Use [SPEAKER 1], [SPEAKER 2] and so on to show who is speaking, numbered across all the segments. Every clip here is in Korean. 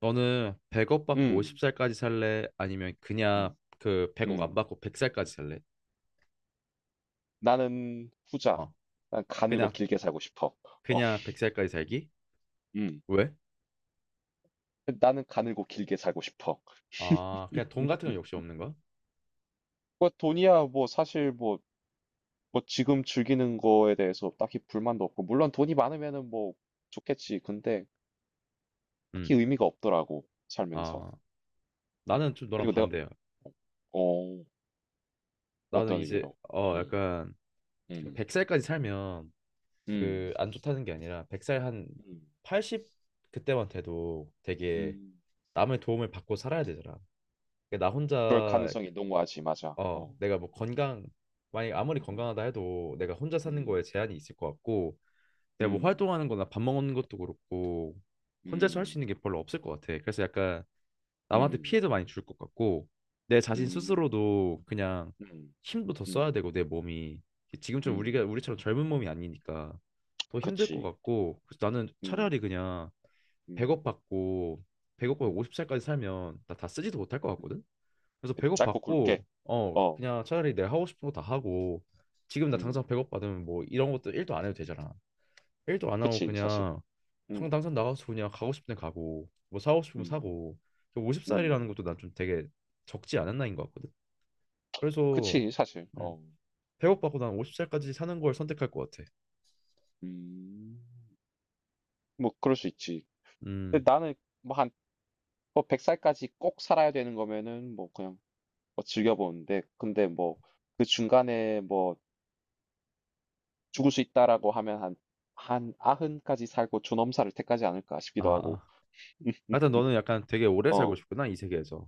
[SPEAKER 1] 너는 100억 받고
[SPEAKER 2] 음.
[SPEAKER 1] 50살까지 살래? 아니면 그냥
[SPEAKER 2] 음.
[SPEAKER 1] 그 100억 안
[SPEAKER 2] 음.
[SPEAKER 1] 받고 100살까지 살래?
[SPEAKER 2] 나는 후자.
[SPEAKER 1] 어,
[SPEAKER 2] 난 가늘고
[SPEAKER 1] 그냥
[SPEAKER 2] 길게 살고 싶어. 어.
[SPEAKER 1] 그냥 100살까지 살기?
[SPEAKER 2] 음.
[SPEAKER 1] 왜?
[SPEAKER 2] 나는 가늘고 길게 살고 싶어.
[SPEAKER 1] 아, 그냥 돈 같은 건
[SPEAKER 2] 음.
[SPEAKER 1] 역시 없는 거야?
[SPEAKER 2] 뭐 돈이야 뭐 사실 뭐, 뭐 지금 즐기는 거에 대해서 딱히 불만도 없고, 물론 돈이 많으면은 뭐 좋겠지. 근데 딱히
[SPEAKER 1] 음,
[SPEAKER 2] 의미가 없더라고, 살면서.
[SPEAKER 1] 아, 나는 좀 너랑
[SPEAKER 2] 그리고 내가
[SPEAKER 1] 반대야.
[SPEAKER 2] 어
[SPEAKER 1] 나는
[SPEAKER 2] 어떤
[SPEAKER 1] 이제
[SPEAKER 2] 의미로? 음.
[SPEAKER 1] 약간
[SPEAKER 2] 음.
[SPEAKER 1] 100살까지 살면 그
[SPEAKER 2] 음.
[SPEAKER 1] 안 좋다는 게 아니라 100살 한
[SPEAKER 2] 음.
[SPEAKER 1] 80 그때만 돼도 되게
[SPEAKER 2] 음.
[SPEAKER 1] 남의 도움을 받고 살아야 되잖아. 그러니까 나
[SPEAKER 2] 그럴
[SPEAKER 1] 혼자
[SPEAKER 2] 가능성이 농후하지, 맞아. 어.
[SPEAKER 1] 내가 뭐 건강, 만약 아무리
[SPEAKER 2] 음.
[SPEAKER 1] 건강하다 해도 내가 혼자 사는 거에
[SPEAKER 2] 음.
[SPEAKER 1] 제한이 있을 것 같고, 내가 뭐
[SPEAKER 2] 음.
[SPEAKER 1] 활동하는 거나 밥 먹는 것도 그렇고, 혼자서 할 수
[SPEAKER 2] 음.
[SPEAKER 1] 있는 게 별로 없을 것 같아. 그래서 약간 남한테
[SPEAKER 2] 음.
[SPEAKER 1] 피해도 많이 줄 것 같고, 내 자신
[SPEAKER 2] 음.
[SPEAKER 1] 스스로도 그냥
[SPEAKER 2] 음.
[SPEAKER 1] 힘도 더 써야
[SPEAKER 2] 음.
[SPEAKER 1] 되고, 내 몸이. 지금처럼
[SPEAKER 2] 음.
[SPEAKER 1] 우리처럼 젊은 몸이 아니니까 더 힘들 것
[SPEAKER 2] 그치.
[SPEAKER 1] 같고, 그래서 나는
[SPEAKER 2] 음.
[SPEAKER 1] 차라리 그냥 100억
[SPEAKER 2] 음.
[SPEAKER 1] 받고, 100억 받고
[SPEAKER 2] 음.
[SPEAKER 1] 50살까지 살면 나 다 쓰지도 못할 것
[SPEAKER 2] 음.
[SPEAKER 1] 같거든? 그래서
[SPEAKER 2] 그
[SPEAKER 1] 배고
[SPEAKER 2] 짧고
[SPEAKER 1] 받
[SPEAKER 2] 굵게.
[SPEAKER 1] 고
[SPEAKER 2] 어.
[SPEAKER 1] 그냥 차라리 내가 하고 싶은 거 다 하고 지금 나 당장
[SPEAKER 2] 음.
[SPEAKER 1] 배고받으면 뭐 이런 것도 일도 안 해도 되잖아. 일도 안 하고
[SPEAKER 2] 그치, 사실.
[SPEAKER 1] 그냥 당
[SPEAKER 2] 음.
[SPEAKER 1] 당장 나가서 그냥 가고 싶은 데 가고 뭐 사고 싶으면
[SPEAKER 2] 음.
[SPEAKER 1] 사고 50살이라는
[SPEAKER 2] 음.
[SPEAKER 1] 것도 난 좀 되게 적지 않은 나이인 것 같거든. 그래서
[SPEAKER 2] 그치, 사실.
[SPEAKER 1] 음,
[SPEAKER 2] 어.
[SPEAKER 1] 배고받고난 50살까지 사는 걸 선택할 것 같아.
[SPEAKER 2] 음. 뭐 그럴 수 있지.
[SPEAKER 1] 음,
[SPEAKER 2] 근데 나는 뭐 한 뭐 100살까지 꼭 살아야 되는 거면은 뭐 그냥 뭐 즐겨 보는데, 근데 뭐 그 중간에 뭐 죽을 수 있다라고 하면 한 90까지 살고 존엄사를 택하지 않을까 싶기도
[SPEAKER 1] 아,
[SPEAKER 2] 하고.
[SPEAKER 1] 아. 하여튼 너는 약간 되게 오래 살고
[SPEAKER 2] 어.
[SPEAKER 1] 싶구나 이 세계에서.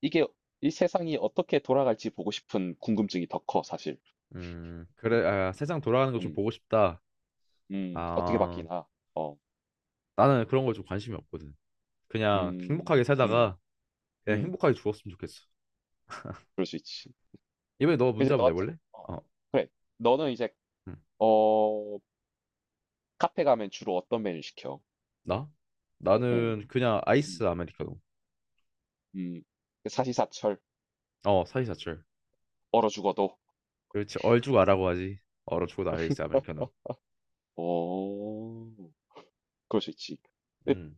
[SPEAKER 2] 이게 이 세상이 어떻게 돌아갈지 보고 싶은 궁금증이 더 커 사실.
[SPEAKER 1] 그래, 아, 세상 돌아가는 거 좀
[SPEAKER 2] 음.
[SPEAKER 1] 보고 싶다.
[SPEAKER 2] 음. 어떻게
[SPEAKER 1] 아,
[SPEAKER 2] 바뀌나. 어.
[SPEAKER 1] 나는 그런 거 좀 관심이 없거든. 그냥
[SPEAKER 2] 음.
[SPEAKER 1] 행복하게
[SPEAKER 2] 음.
[SPEAKER 1] 살다가 그냥
[SPEAKER 2] 음.
[SPEAKER 1] 행복하게 죽었으면 좋겠어.
[SPEAKER 2] 그럴 수 있지.
[SPEAKER 1] 이번에 너 문제
[SPEAKER 2] 근데
[SPEAKER 1] 한번
[SPEAKER 2] 너 같은
[SPEAKER 1] 내볼래?
[SPEAKER 2] 어.
[SPEAKER 1] 어,
[SPEAKER 2] 그래. 너는 이제
[SPEAKER 1] 응.
[SPEAKER 2] 어 카페 가면 주로 어떤 메뉴 시켜?
[SPEAKER 1] 나?
[SPEAKER 2] 응,
[SPEAKER 1] 나는 그냥 아이스
[SPEAKER 2] 음
[SPEAKER 1] 아메리카노.
[SPEAKER 2] 음. 음. 사시사철
[SPEAKER 1] 어, 사이사철.
[SPEAKER 2] 얼어 죽어도.
[SPEAKER 1] 그렇지, 얼죽아라고 하지. 얼어 죽어도 아이스 아메리카노.
[SPEAKER 2] 어. 그럴 수 있지. 근데
[SPEAKER 1] 음,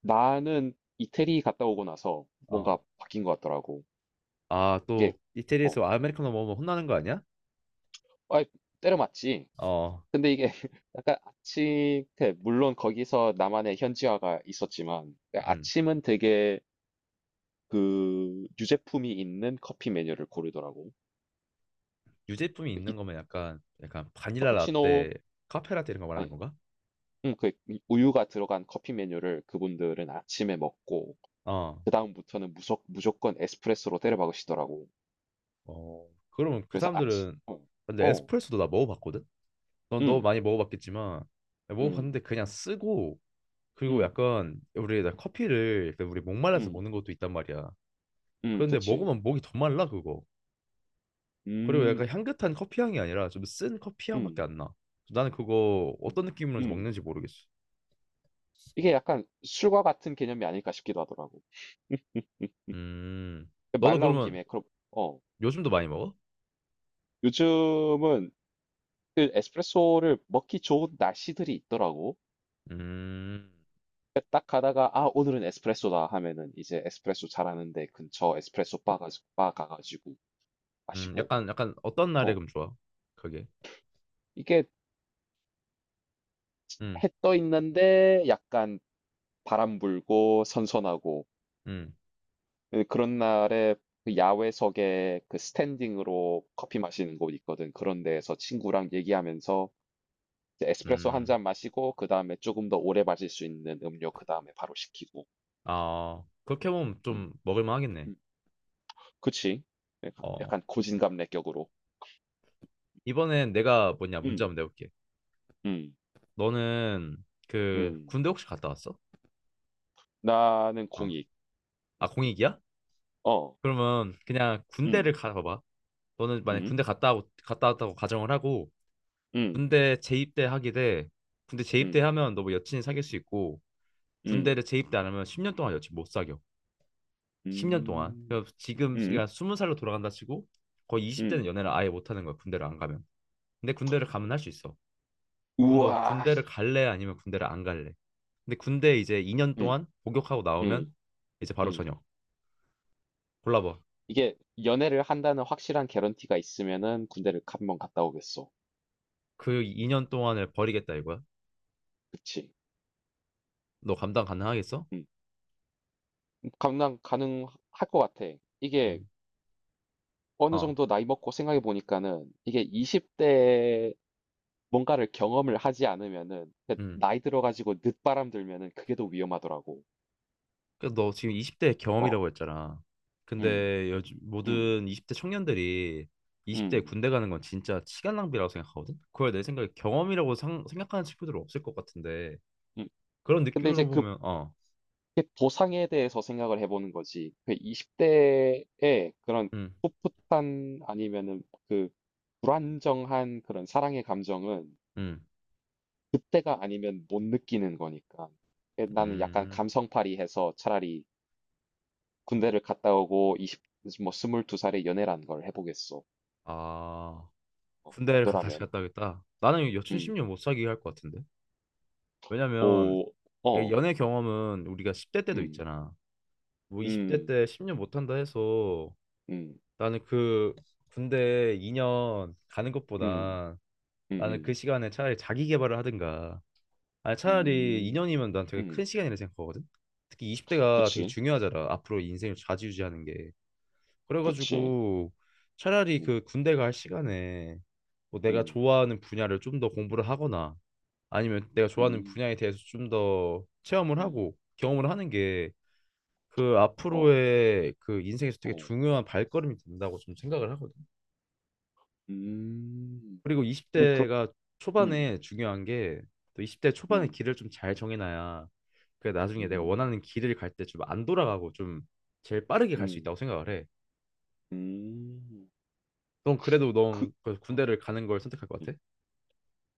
[SPEAKER 2] 나는 이태리 갔다 오고 나서
[SPEAKER 1] 어.
[SPEAKER 2] 뭔가 바뀐 것 같더라고.
[SPEAKER 1] 아,
[SPEAKER 2] 이게
[SPEAKER 1] 또
[SPEAKER 2] 어.
[SPEAKER 1] 이태리에서 아메리카노 먹으면 혼나는 거 아니야?
[SPEAKER 2] 아, 때려 맞지.
[SPEAKER 1] 어,
[SPEAKER 2] 근데 이게 약간 아침 때, 물론 거기서 나만의 현지화가 있었지만, 그러니까
[SPEAKER 1] 음.
[SPEAKER 2] 아침은 되게 그 유제품이 있는 커피 메뉴를 고르더라고.
[SPEAKER 1] 유제품이
[SPEAKER 2] 그 이
[SPEAKER 1] 있는 거면 약간 바닐라
[SPEAKER 2] 카푸치노
[SPEAKER 1] 라떼, 카페 라떼 이런 거 말하는
[SPEAKER 2] 아니
[SPEAKER 1] 건가?
[SPEAKER 2] 그 우유가 들어간 커피 메뉴를 그분들은 아침에 먹고,
[SPEAKER 1] 어,
[SPEAKER 2] 그 다음부터는 무조건 에스프레소로 때려박으시더라고.
[SPEAKER 1] 어. 그러면 그
[SPEAKER 2] 그래서 아침
[SPEAKER 1] 사람들은
[SPEAKER 2] 어,
[SPEAKER 1] 근데
[SPEAKER 2] 어,
[SPEAKER 1] 에스프레소도 나 먹어봤거든? 넌 너무
[SPEAKER 2] 음,
[SPEAKER 1] 많이 먹어봤겠지만
[SPEAKER 2] 음,
[SPEAKER 1] 먹어봤는데 그냥 쓰고 그리고
[SPEAKER 2] 음,
[SPEAKER 1] 약간 우리 나 커피를 약간 우리 목말라서
[SPEAKER 2] 음,
[SPEAKER 1] 먹는 것도 있단 말이야. 그런데
[SPEAKER 2] 그치,
[SPEAKER 1] 먹으면 목이 더 말라 그거. 그리고
[SPEAKER 2] 음,
[SPEAKER 1] 약간 향긋한 커피 향이 아니라 좀 쓴 커피 향밖에
[SPEAKER 2] 음,
[SPEAKER 1] 안 나. 나는 그거
[SPEAKER 2] 음,
[SPEAKER 1] 어떤 느낌으로
[SPEAKER 2] 음.
[SPEAKER 1] 먹는지 모르겠어.
[SPEAKER 2] 이게 약간 술과 같은 개념이 아닐까 싶기도 하더라고.
[SPEAKER 1] 음, 너는
[SPEAKER 2] 말 나온
[SPEAKER 1] 그러면
[SPEAKER 2] 김에 그럼 어
[SPEAKER 1] 요즘도 많이 먹어?
[SPEAKER 2] 요즘은 그 에스프레소를 먹기 좋은 날씨들이 있더라고.
[SPEAKER 1] 음,
[SPEAKER 2] 그러니까 딱 가다가, 아 오늘은 에스프레소다 하면은, 이제 에스프레소 잘하는데 근처 에스프레소 바 가가지고 마시고
[SPEAKER 1] 약간 어떤 날에
[SPEAKER 2] 어
[SPEAKER 1] 그럼 좋아? 그게.
[SPEAKER 2] 이게
[SPEAKER 1] 음,
[SPEAKER 2] 해 떠 있는데 약간 바람 불고 선선하고
[SPEAKER 1] 음,
[SPEAKER 2] 예, 그런 날에 그 야외석에 그 스탠딩으로 커피 마시는 곳 있거든. 그런 데에서 친구랑 얘기하면서 이제 에스프레소 한
[SPEAKER 1] 음.
[SPEAKER 2] 잔 마시고, 그다음에 조금 더 오래 마실 수 있는 음료 그다음에 바로 시키고.
[SPEAKER 1] 아, 그렇게 보면
[SPEAKER 2] 음.
[SPEAKER 1] 좀 먹을만 하겠네.
[SPEAKER 2] 음. 그치. 약간
[SPEAKER 1] 어.
[SPEAKER 2] 약간 고진감래격으로.
[SPEAKER 1] 이번엔 내가 뭐냐 문제
[SPEAKER 2] 음.
[SPEAKER 1] 한번 내볼게.
[SPEAKER 2] 음.
[SPEAKER 1] 너는 그
[SPEAKER 2] 음.
[SPEAKER 1] 군대 혹시 갔다 왔어?
[SPEAKER 2] 나는
[SPEAKER 1] 어.
[SPEAKER 2] 공익.
[SPEAKER 1] 아,
[SPEAKER 2] 음.
[SPEAKER 1] 공익이야?
[SPEAKER 2] 어.
[SPEAKER 1] 그러면 그냥 군대를
[SPEAKER 2] 음.
[SPEAKER 1] 가봐봐. 너는 만약
[SPEAKER 2] 음.
[SPEAKER 1] 군대 갔다 왔다고 가정을 하고
[SPEAKER 2] 음.
[SPEAKER 1] 군대 재입대 하게 돼. 군대 재입대
[SPEAKER 2] 음.
[SPEAKER 1] 하면 너 뭐 여친이 사귈 수 있고
[SPEAKER 2] 음.
[SPEAKER 1] 군대를 재입대 안 하면 10년 동안 여친 못 사겨. 10년 동안.
[SPEAKER 2] 음.
[SPEAKER 1] 그 지금
[SPEAKER 2] 음.
[SPEAKER 1] 그냥 20살로 돌아간다 치고 거의 20대는
[SPEAKER 2] 음.
[SPEAKER 1] 연애를 아예 못 하는 거야. 군대를 안 가면. 근데 군대를 가면 할 수 있어. 그럼 너
[SPEAKER 2] 우와.
[SPEAKER 1] 군대를 갈래? 아니면 군대를 안 갈래? 근데 군대 이제 2년
[SPEAKER 2] 음.
[SPEAKER 1] 동안 복역하고
[SPEAKER 2] 음.
[SPEAKER 1] 나오면 이제 바로
[SPEAKER 2] 음.
[SPEAKER 1] 전역. 골라봐.
[SPEAKER 2] 이게 연애를 한다는 확실한 개런티가 있으면은 군대를 한번 갔다 오겠어.
[SPEAKER 1] 그 2년 동안을 버리겠다 이거야?
[SPEAKER 2] 그치.
[SPEAKER 1] 너 감당 가능하겠어?
[SPEAKER 2] 음. 감당 가능할 것 같아. 이게
[SPEAKER 1] 음.
[SPEAKER 2] 어느
[SPEAKER 1] 어.
[SPEAKER 2] 정도 나이 먹고 생각해 보니까는, 이게 20대에 뭔가를 경험을 하지 않으면은 그
[SPEAKER 1] 음.
[SPEAKER 2] 나이 들어가지고 늦바람 들면은 그게 더 위험하더라고.
[SPEAKER 1] 그래서 너 지금 20대
[SPEAKER 2] 어,
[SPEAKER 1] 경험이라고 했잖아.
[SPEAKER 2] 음,
[SPEAKER 1] 근데 요즘
[SPEAKER 2] 음,
[SPEAKER 1] 모든 20대 청년들이 20대에
[SPEAKER 2] 음,
[SPEAKER 1] 군대 가는 건 진짜 시간 낭비라고 생각하거든. 그걸 내 생각에 경험이라고 생각하는 친구들은 없을 것 같은데
[SPEAKER 2] 음.
[SPEAKER 1] 그런
[SPEAKER 2] 근데 이제
[SPEAKER 1] 느낌으로
[SPEAKER 2] 그
[SPEAKER 1] 보면 어.
[SPEAKER 2] 그 보상에 대해서 생각을 해보는 거지. 그 20대에 그런
[SPEAKER 1] 음.
[SPEAKER 2] 풋풋한 아니면은 그 불안정한 그런 사랑의 감정은
[SPEAKER 1] 음.
[SPEAKER 2] 그때가 아니면 못 느끼는 거니까. 에, 나는 약간
[SPEAKER 1] 음.
[SPEAKER 2] 감성팔이 해서 차라리 군대를 갔다 오고 2십뭐2두살에 연애란 걸 해보겠어.
[SPEAKER 1] 아.
[SPEAKER 2] 어,
[SPEAKER 1] 군대를 다시
[SPEAKER 2] 너라면.
[SPEAKER 1] 갔다 오겠다. 나는 여친
[SPEAKER 2] 음,
[SPEAKER 1] 10년 못 사귀게 할 것 같은데. 왜냐면
[SPEAKER 2] 오, 어,
[SPEAKER 1] 연애 경험은 우리가 10대 때도
[SPEAKER 2] 음,
[SPEAKER 1] 있잖아. 뭐 20대
[SPEAKER 2] 음,
[SPEAKER 1] 때 10년 못한다 해서
[SPEAKER 2] 음,
[SPEAKER 1] 나는 그 군대 2년 가는
[SPEAKER 2] 음,
[SPEAKER 1] 것보다
[SPEAKER 2] 음,
[SPEAKER 1] 나는 그
[SPEAKER 2] 음,
[SPEAKER 1] 시간에 차라리 자기 개발을 하든가 아니 차라리
[SPEAKER 2] 음,
[SPEAKER 1] 2년이면 난 되게
[SPEAKER 2] 음,
[SPEAKER 1] 큰 시간이라 생각하거든 특히 20대가 되게
[SPEAKER 2] 그치,
[SPEAKER 1] 중요하잖아 앞으로 인생을 좌지우지하는 게
[SPEAKER 2] 그렇지.
[SPEAKER 1] 그래가지고 차라리
[SPEAKER 2] 음,
[SPEAKER 1] 그 군대 갈 시간에 뭐 내가
[SPEAKER 2] 음,
[SPEAKER 1] 좋아하는 분야를 좀 더 공부를 하거나 아니면 내가 좋아하는
[SPEAKER 2] 음,
[SPEAKER 1] 분야에 대해서 좀 더 체험을
[SPEAKER 2] 음,
[SPEAKER 1] 하고 경험을 하는 게 그
[SPEAKER 2] 어,
[SPEAKER 1] 앞으로의 그 인생에서 되게
[SPEAKER 2] 어,
[SPEAKER 1] 중요한 발걸음이 된다고 좀 생각을 하거든.
[SPEAKER 2] 음,
[SPEAKER 1] 그리고
[SPEAKER 2] 그렇,
[SPEAKER 1] 20대가
[SPEAKER 2] 음,
[SPEAKER 1] 초반에 중요한 게 또 20대 초반에
[SPEAKER 2] 음,
[SPEAKER 1] 길을 좀 잘 정해놔야 그 나중에 내가
[SPEAKER 2] 음,
[SPEAKER 1] 원하는 길을 갈 때 좀 안 돌아가고 좀 제일 빠르게 갈 수 있다고
[SPEAKER 2] 음,
[SPEAKER 1] 생각을 해.
[SPEAKER 2] 음,
[SPEAKER 1] 넌 그래도
[SPEAKER 2] 그,
[SPEAKER 1] 넌그
[SPEAKER 2] 어,
[SPEAKER 1] 군대를 가는 걸 선택할 것
[SPEAKER 2] 음.
[SPEAKER 1] 같아?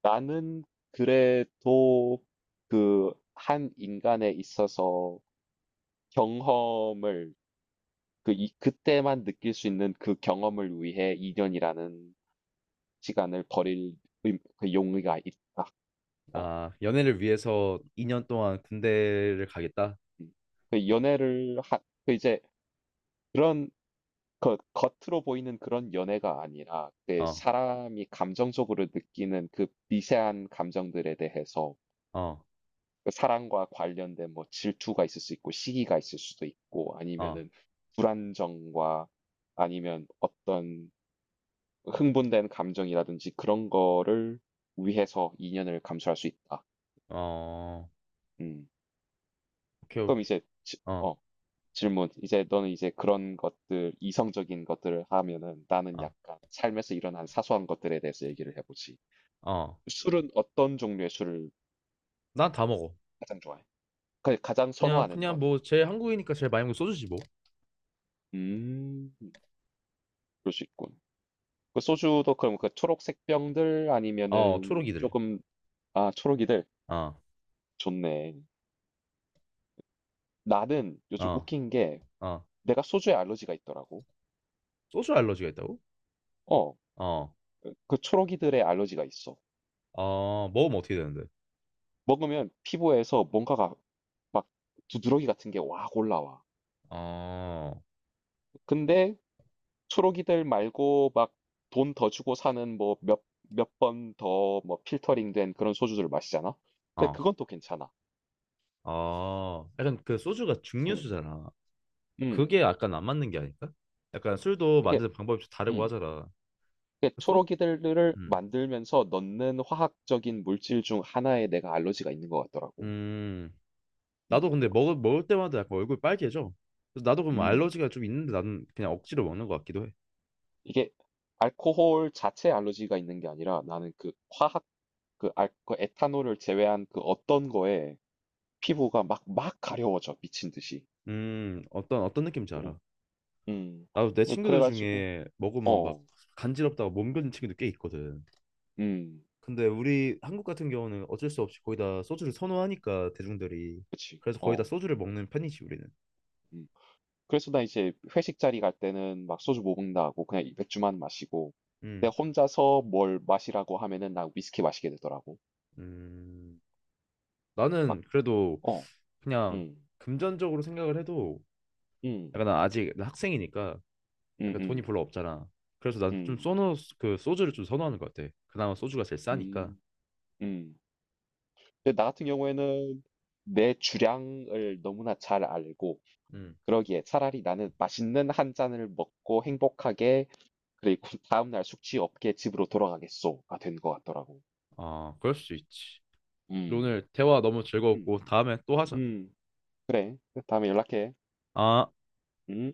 [SPEAKER 2] 나는 그래도 그 한 인간에 있어서 경험을 그 이 그때만 느낄 수 있는 그 경험을 위해 이 년이라는 시간을 버릴 의 그 용의가 있다. 어
[SPEAKER 1] 아, 연애를 위해서 2년 동안 군대를 가겠다.
[SPEAKER 2] 음. 그 연애를 하 그 이제 그런 겉 겉으로 보이는 그런 연애가 아니라, 그
[SPEAKER 1] 어,
[SPEAKER 2] 사람이 감정적으로 느끼는 그 미세한 감정들에 대해서
[SPEAKER 1] 어,
[SPEAKER 2] 그 사랑과 관련된 뭐 질투가 있을 수 있고, 시기가 있을 수도 있고,
[SPEAKER 1] 어,
[SPEAKER 2] 아니면은 불안정과 아니면 어떤 흥분된 감정이라든지 그런 거를 위해서 인연을 감수할 수 있다.
[SPEAKER 1] 어,
[SPEAKER 2] 음.
[SPEAKER 1] 오케이,
[SPEAKER 2] 그럼
[SPEAKER 1] 오케이.
[SPEAKER 2] 이제 지
[SPEAKER 1] 어,
[SPEAKER 2] 어 질문. 이제 너는 이제 그런 것들 이성적인 것들을 하면은, 나는
[SPEAKER 1] 아,
[SPEAKER 2] 약간 삶에서 일어난 사소한 것들에 대해서 얘기를 해 보지.
[SPEAKER 1] 어.
[SPEAKER 2] 술은 어떤 종류의 술을
[SPEAKER 1] 난 다 먹어.
[SPEAKER 2] 가장 좋아해? 그 가장
[SPEAKER 1] 그냥
[SPEAKER 2] 선호하는
[SPEAKER 1] 그냥
[SPEAKER 2] 거는?
[SPEAKER 1] 뭐 제 한국이니까 제일 많이 먹는 게 소주지 뭐.
[SPEAKER 2] 음. 그럴 수 있군. 그 소주도 그럼 그 초록색 병들
[SPEAKER 1] 어
[SPEAKER 2] 아니면은 조
[SPEAKER 1] 초록이들.
[SPEAKER 2] 금 아 초록이들.
[SPEAKER 1] 어
[SPEAKER 2] 좋네. 나는 요즘
[SPEAKER 1] 어
[SPEAKER 2] 웃긴 게
[SPEAKER 1] 어
[SPEAKER 2] 내가 소주에 알러지가 있더라고.
[SPEAKER 1] 소주 알러지가 있다고?
[SPEAKER 2] 어.
[SPEAKER 1] 어 어
[SPEAKER 2] 그 그 초록이들의 알러지가 있어.
[SPEAKER 1] 먹으면 어떻게 되는데?
[SPEAKER 2] 먹으면 피부에서 뭔가가 막 두드러기 같은 게 확 올라와.
[SPEAKER 1] 어 어 어
[SPEAKER 2] 근데 초록이들 말고 막 돈 더 주고 사는 뭐 몇 번 더 뭐 필터링 된 그런 소주들을 마시잖아. 근데 그건 또 괜찮아.
[SPEAKER 1] 약간 그 소주가
[SPEAKER 2] 음,
[SPEAKER 1] 증류수잖아.
[SPEAKER 2] 음.
[SPEAKER 1] 그게 약간 안 맞는 게 아닐까? 약간 술도
[SPEAKER 2] 이게,
[SPEAKER 1] 만드는 방법이 좀 다르고
[SPEAKER 2] 음.
[SPEAKER 1] 하잖아.
[SPEAKER 2] 이게
[SPEAKER 1] 그 소
[SPEAKER 2] 초록이들을
[SPEAKER 1] 음.
[SPEAKER 2] 만들면서 넣는 화학적인 물질 중 하나에 내가 알러지가 있는 것 같더라고.
[SPEAKER 1] 음 나도
[SPEAKER 2] 음,
[SPEAKER 1] 근데 먹을 때마다 약간 얼굴 빨개져. 그래서 나도 그럼
[SPEAKER 2] 음.
[SPEAKER 1] 알러지가 좀 있는데 나는 그냥 억지로 먹는 것 같기도 해.
[SPEAKER 2] 이게 알코올 자체 알러지가 있는 게 아니라 나는 그 화학 그, 알, 그 에탄올을 제외한 그 어떤 거에 피부가 막 가려워져, 미친 듯이.
[SPEAKER 1] 어떤 느낌인지 알아.
[SPEAKER 2] 오, 음,
[SPEAKER 1] 나도 내
[SPEAKER 2] 그-
[SPEAKER 1] 친구들
[SPEAKER 2] 그래가지고,
[SPEAKER 1] 중에 먹으면 막
[SPEAKER 2] 어,
[SPEAKER 1] 간지럽다고 몸거린 친구도 꽤 있거든.
[SPEAKER 2] 음,
[SPEAKER 1] 근데 우리 한국 같은 경우는 어쩔 수 없이 거의 다 소주를 선호하니까 대중들이
[SPEAKER 2] 그치,
[SPEAKER 1] 그래서 거의 다
[SPEAKER 2] 어,
[SPEAKER 1] 소주를 먹는 편이지 우리는.
[SPEAKER 2] 음. 그래서 나 이제 회식 자리 갈 때는 막 소주 못 먹는다고 그냥 이 맥주만 마시고,
[SPEAKER 1] 음,
[SPEAKER 2] 내가 혼자서 뭘 마시라고 하면은 나 위스키 마시게 되더라고.
[SPEAKER 1] 음.
[SPEAKER 2] 막,
[SPEAKER 1] 나는 그래도
[SPEAKER 2] 어,
[SPEAKER 1] 그냥
[SPEAKER 2] 음,
[SPEAKER 1] 금전적으로 생각을 해도
[SPEAKER 2] 음,
[SPEAKER 1] 약간 난 아직 나 학생이니까
[SPEAKER 2] 음,
[SPEAKER 1] 약간 돈이
[SPEAKER 2] 음,
[SPEAKER 1] 별로 없잖아. 그래서 난 좀
[SPEAKER 2] 음,
[SPEAKER 1] 선호 그 소주를 좀 선호하는 것 같아. 그나마 소주가 제일 싸니까.
[SPEAKER 2] 음, 음. 근데 나 같은 경우에는 내 주량을 너무나 잘 알고,
[SPEAKER 1] 음,
[SPEAKER 2] 그러기에 차라리 나는 맛있는 한 잔을 먹고 행복하게, 그리고 다음날 숙취 없게 집으로 돌아가겠소가 된 것 같더라고.
[SPEAKER 1] 아 그럴 수 있지.
[SPEAKER 2] 음.
[SPEAKER 1] 오늘 대화 너무
[SPEAKER 2] 음,
[SPEAKER 1] 즐거웠고 다음에 또 하자.
[SPEAKER 2] 음, 그래. 다음에 연락해.
[SPEAKER 1] 아.
[SPEAKER 2] 음.